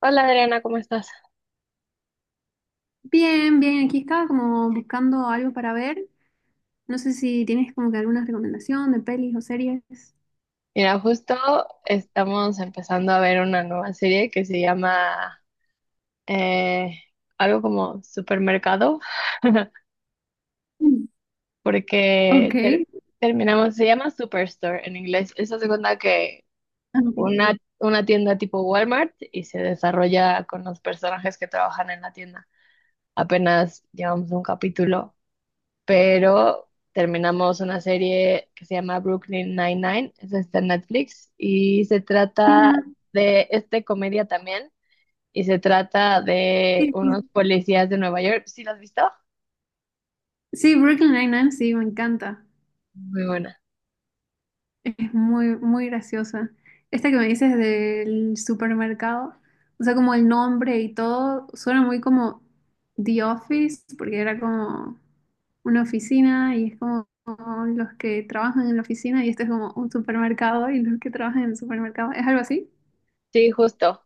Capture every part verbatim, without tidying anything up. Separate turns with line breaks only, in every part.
Hola Adriana, ¿cómo estás?
Bien, bien, aquí estaba como buscando algo para ver. No sé si tienes como que alguna recomendación de pelis o series.
Mira, justo estamos empezando a ver una nueva serie que se llama eh, algo como Supermercado,
Mm. Ok.
porque ter- terminamos, se llama Superstore en inglés. Eso hace cuenta que
Ah, ok.
una, una tienda tipo Walmart y se desarrolla con los personajes que trabajan en la tienda. Apenas llevamos un capítulo. Pero terminamos una serie que se llama Brooklyn Nine-Nine, esa está en Netflix, y se trata
Ujú.
de, este comedia también, y se trata de
Sí, sí,
unos
sí.
policías de Nueva York. ¿Sí la has visto?
Sí, Brooklyn Nine-Nine, sí, me encanta.
Muy buena.
Es muy, muy graciosa. Esta que me dices del supermercado, o sea, como el nombre y todo, suena muy como The Office, porque era como una oficina y es como los que trabajan en la oficina y este es como un supermercado y los que trabajan en el supermercado. ¿Es algo así?
Sí, justo.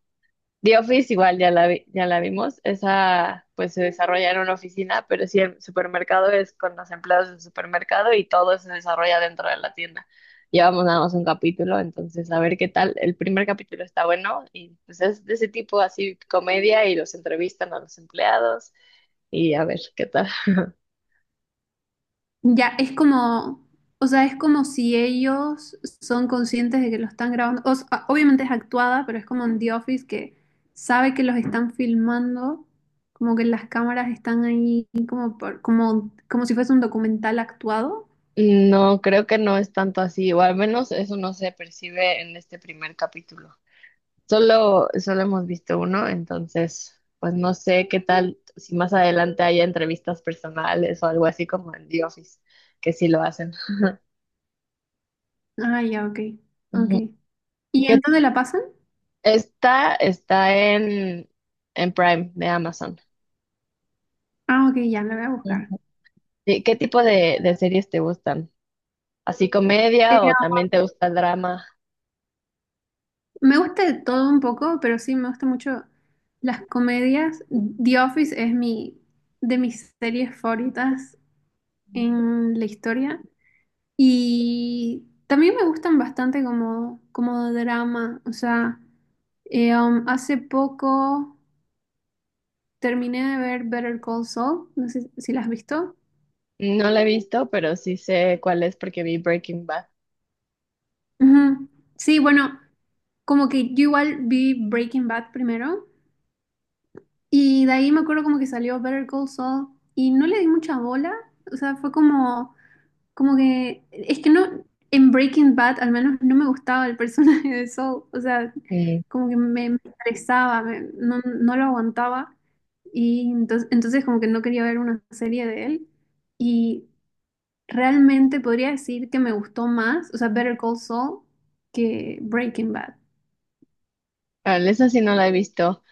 The Office igual ya la vi- ya la vimos. Esa pues se desarrolla en una oficina, pero sí el supermercado es con los empleados del supermercado y todo se desarrolla dentro de la tienda. Llevamos nada más un capítulo, entonces a ver qué tal. El primer capítulo está bueno y pues es de ese tipo así comedia y los entrevistan a los empleados y a ver qué tal.
Ya, es como, o sea, es como si ellos son conscientes de que lo están grabando. O sea, obviamente es actuada, pero es como en The Office que sabe que los están filmando, como que las cámaras están ahí como por- como, como si fuese un documental actuado.
No, creo que no es tanto así, o al menos eso no se percibe en este primer capítulo. Solo, solo hemos visto uno, entonces, pues no sé qué tal si más adelante haya entrevistas personales o algo así como en The Office, que sí lo hacen.
Ah, ya, ok, ok.
Ujú.
¿Y
Que
entonces la pasan?
está, está en, en Prime de Amazon.
Ah, ok, ya, la voy a buscar.
Ujú. ¿Y ¿Qué tipo de, de series te gustan? ¿Así
Eh,
comedia o también te gusta el drama?
Me gusta de todo un poco, pero sí, me gusta mucho las comedias. The Office es mi, de mis series favoritas
Mm.
en la historia. Y también me gustan bastante como, como drama. O sea, eh, um, hace poco terminé de ver Better Call Saul. No sé si la has visto.
No la he visto, pero sí sé cuál es porque vi Breaking Bad.
Ujú. Sí, bueno, como que yo igual vi Breaking Bad primero. Y de ahí me acuerdo como que salió Better Call Saul. Y no le di mucha bola. O sea, fue como. Como que, es que no, en Breaking Bad al menos no me gustaba el personaje de Saul, o sea,
Mm.
como que me, me estresaba, me- no, no lo aguantaba y entonces, entonces como que no quería ver una serie de él y realmente podría decir que me gustó más, o sea, Better Call Saul que Breaking Bad.
Ah, esa sí no la he visto.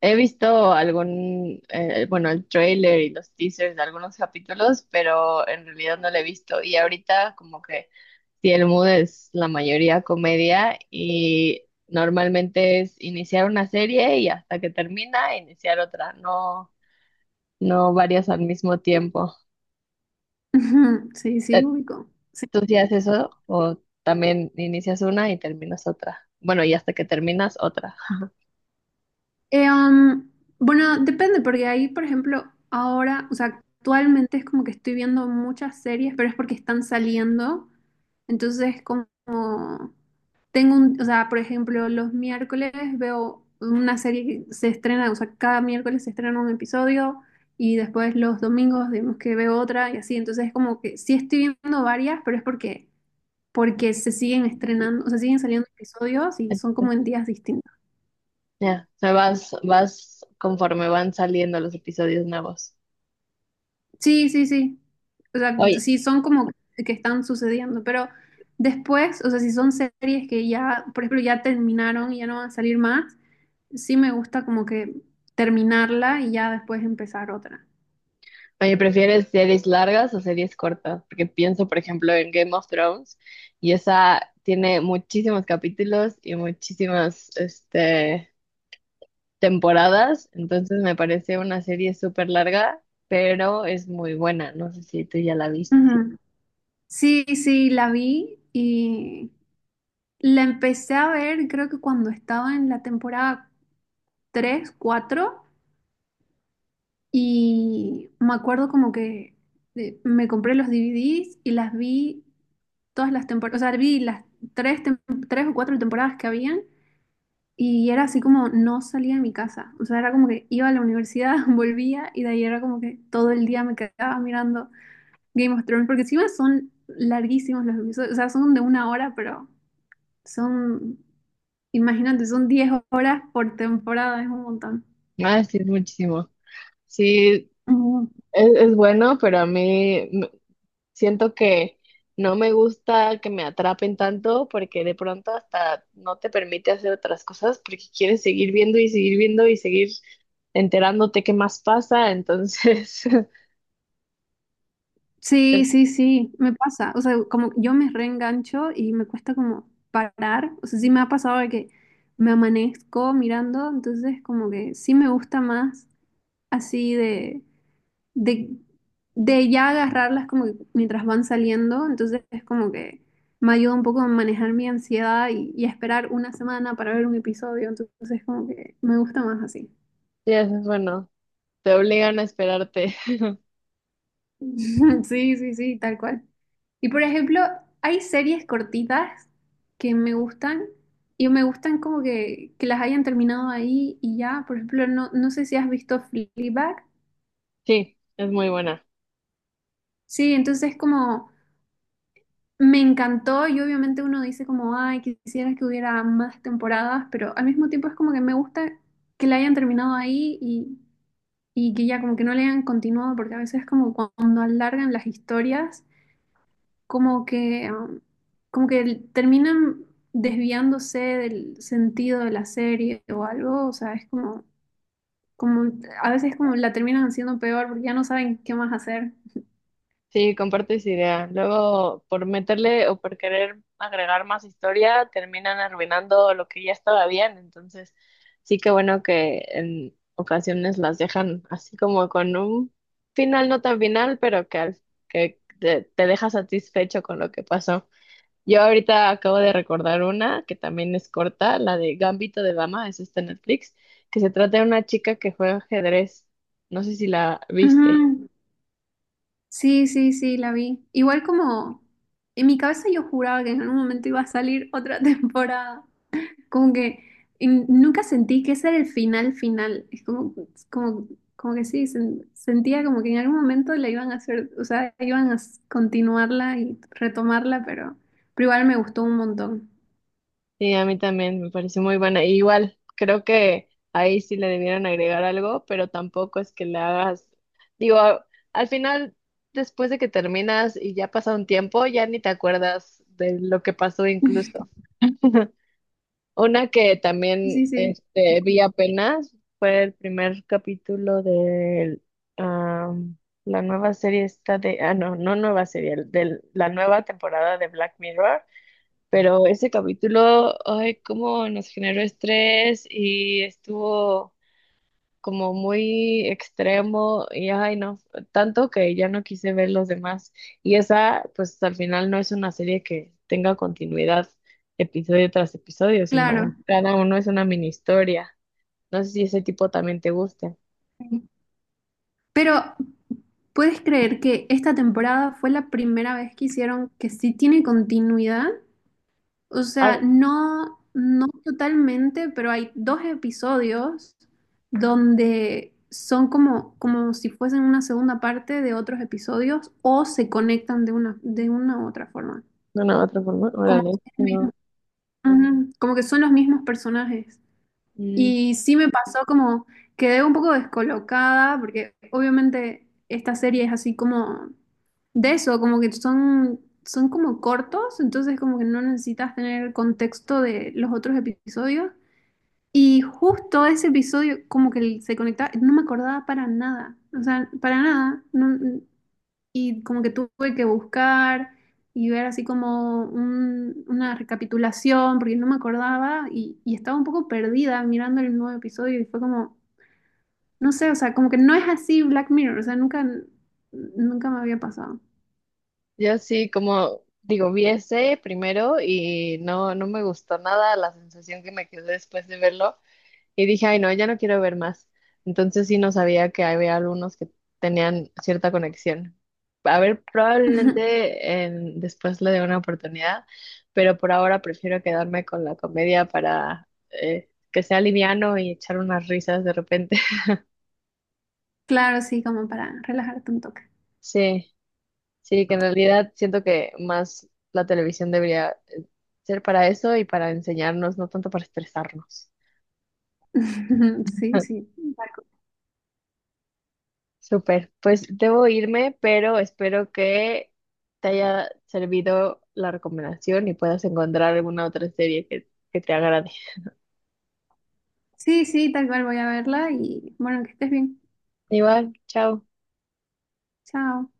He visto algún, eh, bueno, el trailer y los teasers de algunos capítulos, pero en realidad no lo he visto. Y ahorita como que si el mood es la mayoría comedia y normalmente es iniciar una serie y hasta que termina iniciar otra, no, no varias al mismo tiempo.
Sí,
Eh,
sí, ubico. Sí.
¿Tú sí haces eso o también inicias una y terminas otra? Bueno, y hasta que terminas otra.
Eh, um, bueno, depende, porque ahí, por ejemplo, ahora, o sea, actualmente es como que estoy viendo muchas series, pero es porque están saliendo. Entonces, como tengo un, o sea, por ejemplo, los miércoles veo una serie que se estrena, o sea, cada miércoles se estrena un episodio y después los domingos, digamos que veo otra y así. Entonces, es como que sí estoy viendo varias, pero es porque, porque se siguen estrenando, o sea, siguen saliendo episodios y son como
Entonces,
en días distintos.
ya, o sea, vas, vas conforme van saliendo los episodios nuevos.
Sí, sí, sí. O sea,
Oye,
sí son como que están sucediendo, pero después, o sea, si son series que ya, por ejemplo, ya terminaron y ya no van a salir más, sí me gusta como que terminarla y ya después empezar otra.
oye, ¿prefieres series largas o series cortas? Porque pienso, por ejemplo, en Game of Thrones y esa tiene muchísimos capítulos y muchísimas, este, temporadas, entonces me parece una serie súper larga, pero es muy buena. No sé si tú ya la viste.
Ujú. Sí, sí, la vi y la empecé a ver creo que cuando estaba en la temporada tres, cuatro y me acuerdo como que eh, me compré los D V Ds y las vi todas las temporadas, o sea, vi las tres, tem- tres o cuatro temporadas que habían y era así como no salía de mi casa, o sea, era como que iba a la universidad, volvía y de ahí era como que todo el día me quedaba mirando Game of Thrones, porque encima son larguísimos los episodios, o sea, son de una hora, pero son, imagínate, son diez horas por temporada, es un montón.
Ah, sí, es muchísimo. Sí,
Ujú.
es, es bueno, pero a mí siento que no me gusta que me atrapen tanto porque de pronto hasta no te permite hacer otras cosas porque quieres seguir viendo y seguir viendo y seguir enterándote qué más pasa. Entonces, sí,
Sí, sí, sí, me pasa. O sea, como yo me reengancho y me cuesta como parar. O sea, sí me ha pasado de que me amanezco mirando, entonces como que sí me gusta más así de, de, de ya agarrarlas como que mientras van saliendo. Entonces es como que me ayuda un poco a manejar mi ansiedad y, y a esperar una semana para ver un episodio. Entonces como que me gusta más así.
es bueno, te obligan a esperarte.
Sí, sí, sí, tal cual. Y por ejemplo, hay series cortitas que me gustan y me gustan como que, que las hayan terminado ahí y ya. Por ejemplo, no, no sé si has visto Fleabag.
Sí, es muy buena.
Sí, entonces como me encantó y obviamente uno dice como, ay, quisiera que hubiera más temporadas, pero al mismo tiempo es como que me gusta que la hayan terminado ahí y, y que ya como que no le hayan continuado porque a veces como cuando alargan las historias, como que, um, como que terminan desviándose del sentido de la serie o algo. O sea, es como, como a veces como la terminan haciendo peor porque ya no saben qué más hacer.
Sí, comparto esa idea. Luego, por meterle o por querer agregar más historia, terminan arruinando lo que ya estaba bien. Entonces, sí que bueno que en ocasiones las dejan así como con un final no tan final, pero que, al- que te, te deja satisfecho con lo que pasó. Yo ahorita acabo de recordar una que también es corta, la de Gambito de Dama, es esta en Netflix, que se trata de una chica que juega ajedrez. No sé si la viste.
Ujú. Sí, sí, sí, la vi. Igual como en mi cabeza yo juraba que en algún momento iba a salir otra temporada. Como que en- nunca sentí que ese era el final final. Es como, es como, como que sí, sen- sentía como que en algún momento la iban a hacer, o sea, iban a s- continuarla y retomarla, pero, pero igual me gustó un montón.
Sí, a mí también me pareció muy buena. Y igual, creo que ahí sí le debieron agregar algo, pero tampoco es que le hagas, digo, a- al final, después de que terminas y ya pasa un tiempo, ya ni te acuerdas de lo que pasó incluso. Una que
Sí,
también
sí, sí,
este, vi apenas fue el primer capítulo de la nueva serie esta de, ah, no, no nueva serie, de la nueva temporada de Black Mirror. Pero ese capítulo, ay, cómo nos generó estrés y estuvo como muy extremo y ay, no, tanto que ya no quise ver los demás. Y esa, pues al final no es una serie que tenga continuidad episodio tras episodio, sino
claro.
cada uno es una mini historia. No sé si ese tipo también te guste.
Sí. Pero ¿puedes creer que esta temporada fue la primera vez que hicieron que sí tiene continuidad? O
Ah,
sea, no, no totalmente, pero hay dos episodios donde son como, como si fuesen una segunda parte de otros episodios o se conectan de una, de una u otra forma.
bueno, de una u otra forma,
Como
órale,
que, es
si
el
no.
mismo- ujú, como que son los mismos personajes.
Mm.
Y sí me pasó como quedé un poco descolocada, porque obviamente esta serie es así como de eso, como que son, son, como cortos, entonces como que no necesitas tener el contexto de los otros episodios. Y justo ese episodio como que se conectaba, no me acordaba para nada, o sea, para nada. No, y como que tuve que buscar y ver así como un- una recapitulación, porque no me acordaba y, y estaba un poco perdida mirando el nuevo episodio y fue como, no sé, o sea, como que no es así Black Mirror, o sea, nunca, nunca me había pasado.
Yo sí, como digo, vi ese primero y no, no me gustó nada la sensación que me quedó después de verlo y dije, ay, no, ya no quiero ver más. Entonces sí no sabía que había algunos que tenían cierta conexión. A ver, probablemente en- después le dé una oportunidad, pero por ahora prefiero quedarme con la comedia para eh, que sea liviano y echar unas risas de repente.
Claro, sí, como para relajarte un toque.
Sí. Sí, que en realidad siento que más la televisión debería eh, ser para eso y para enseñarnos, no tanto para estresarnos.
Sí, sí, tal cual.
Súper, pues debo irme, pero espero que te haya servido la recomendación y puedas encontrar alguna otra serie que, que te agrade.
Sí, sí, tal cual voy a verla y bueno, que estés bien.
Igual, chao.
Chao.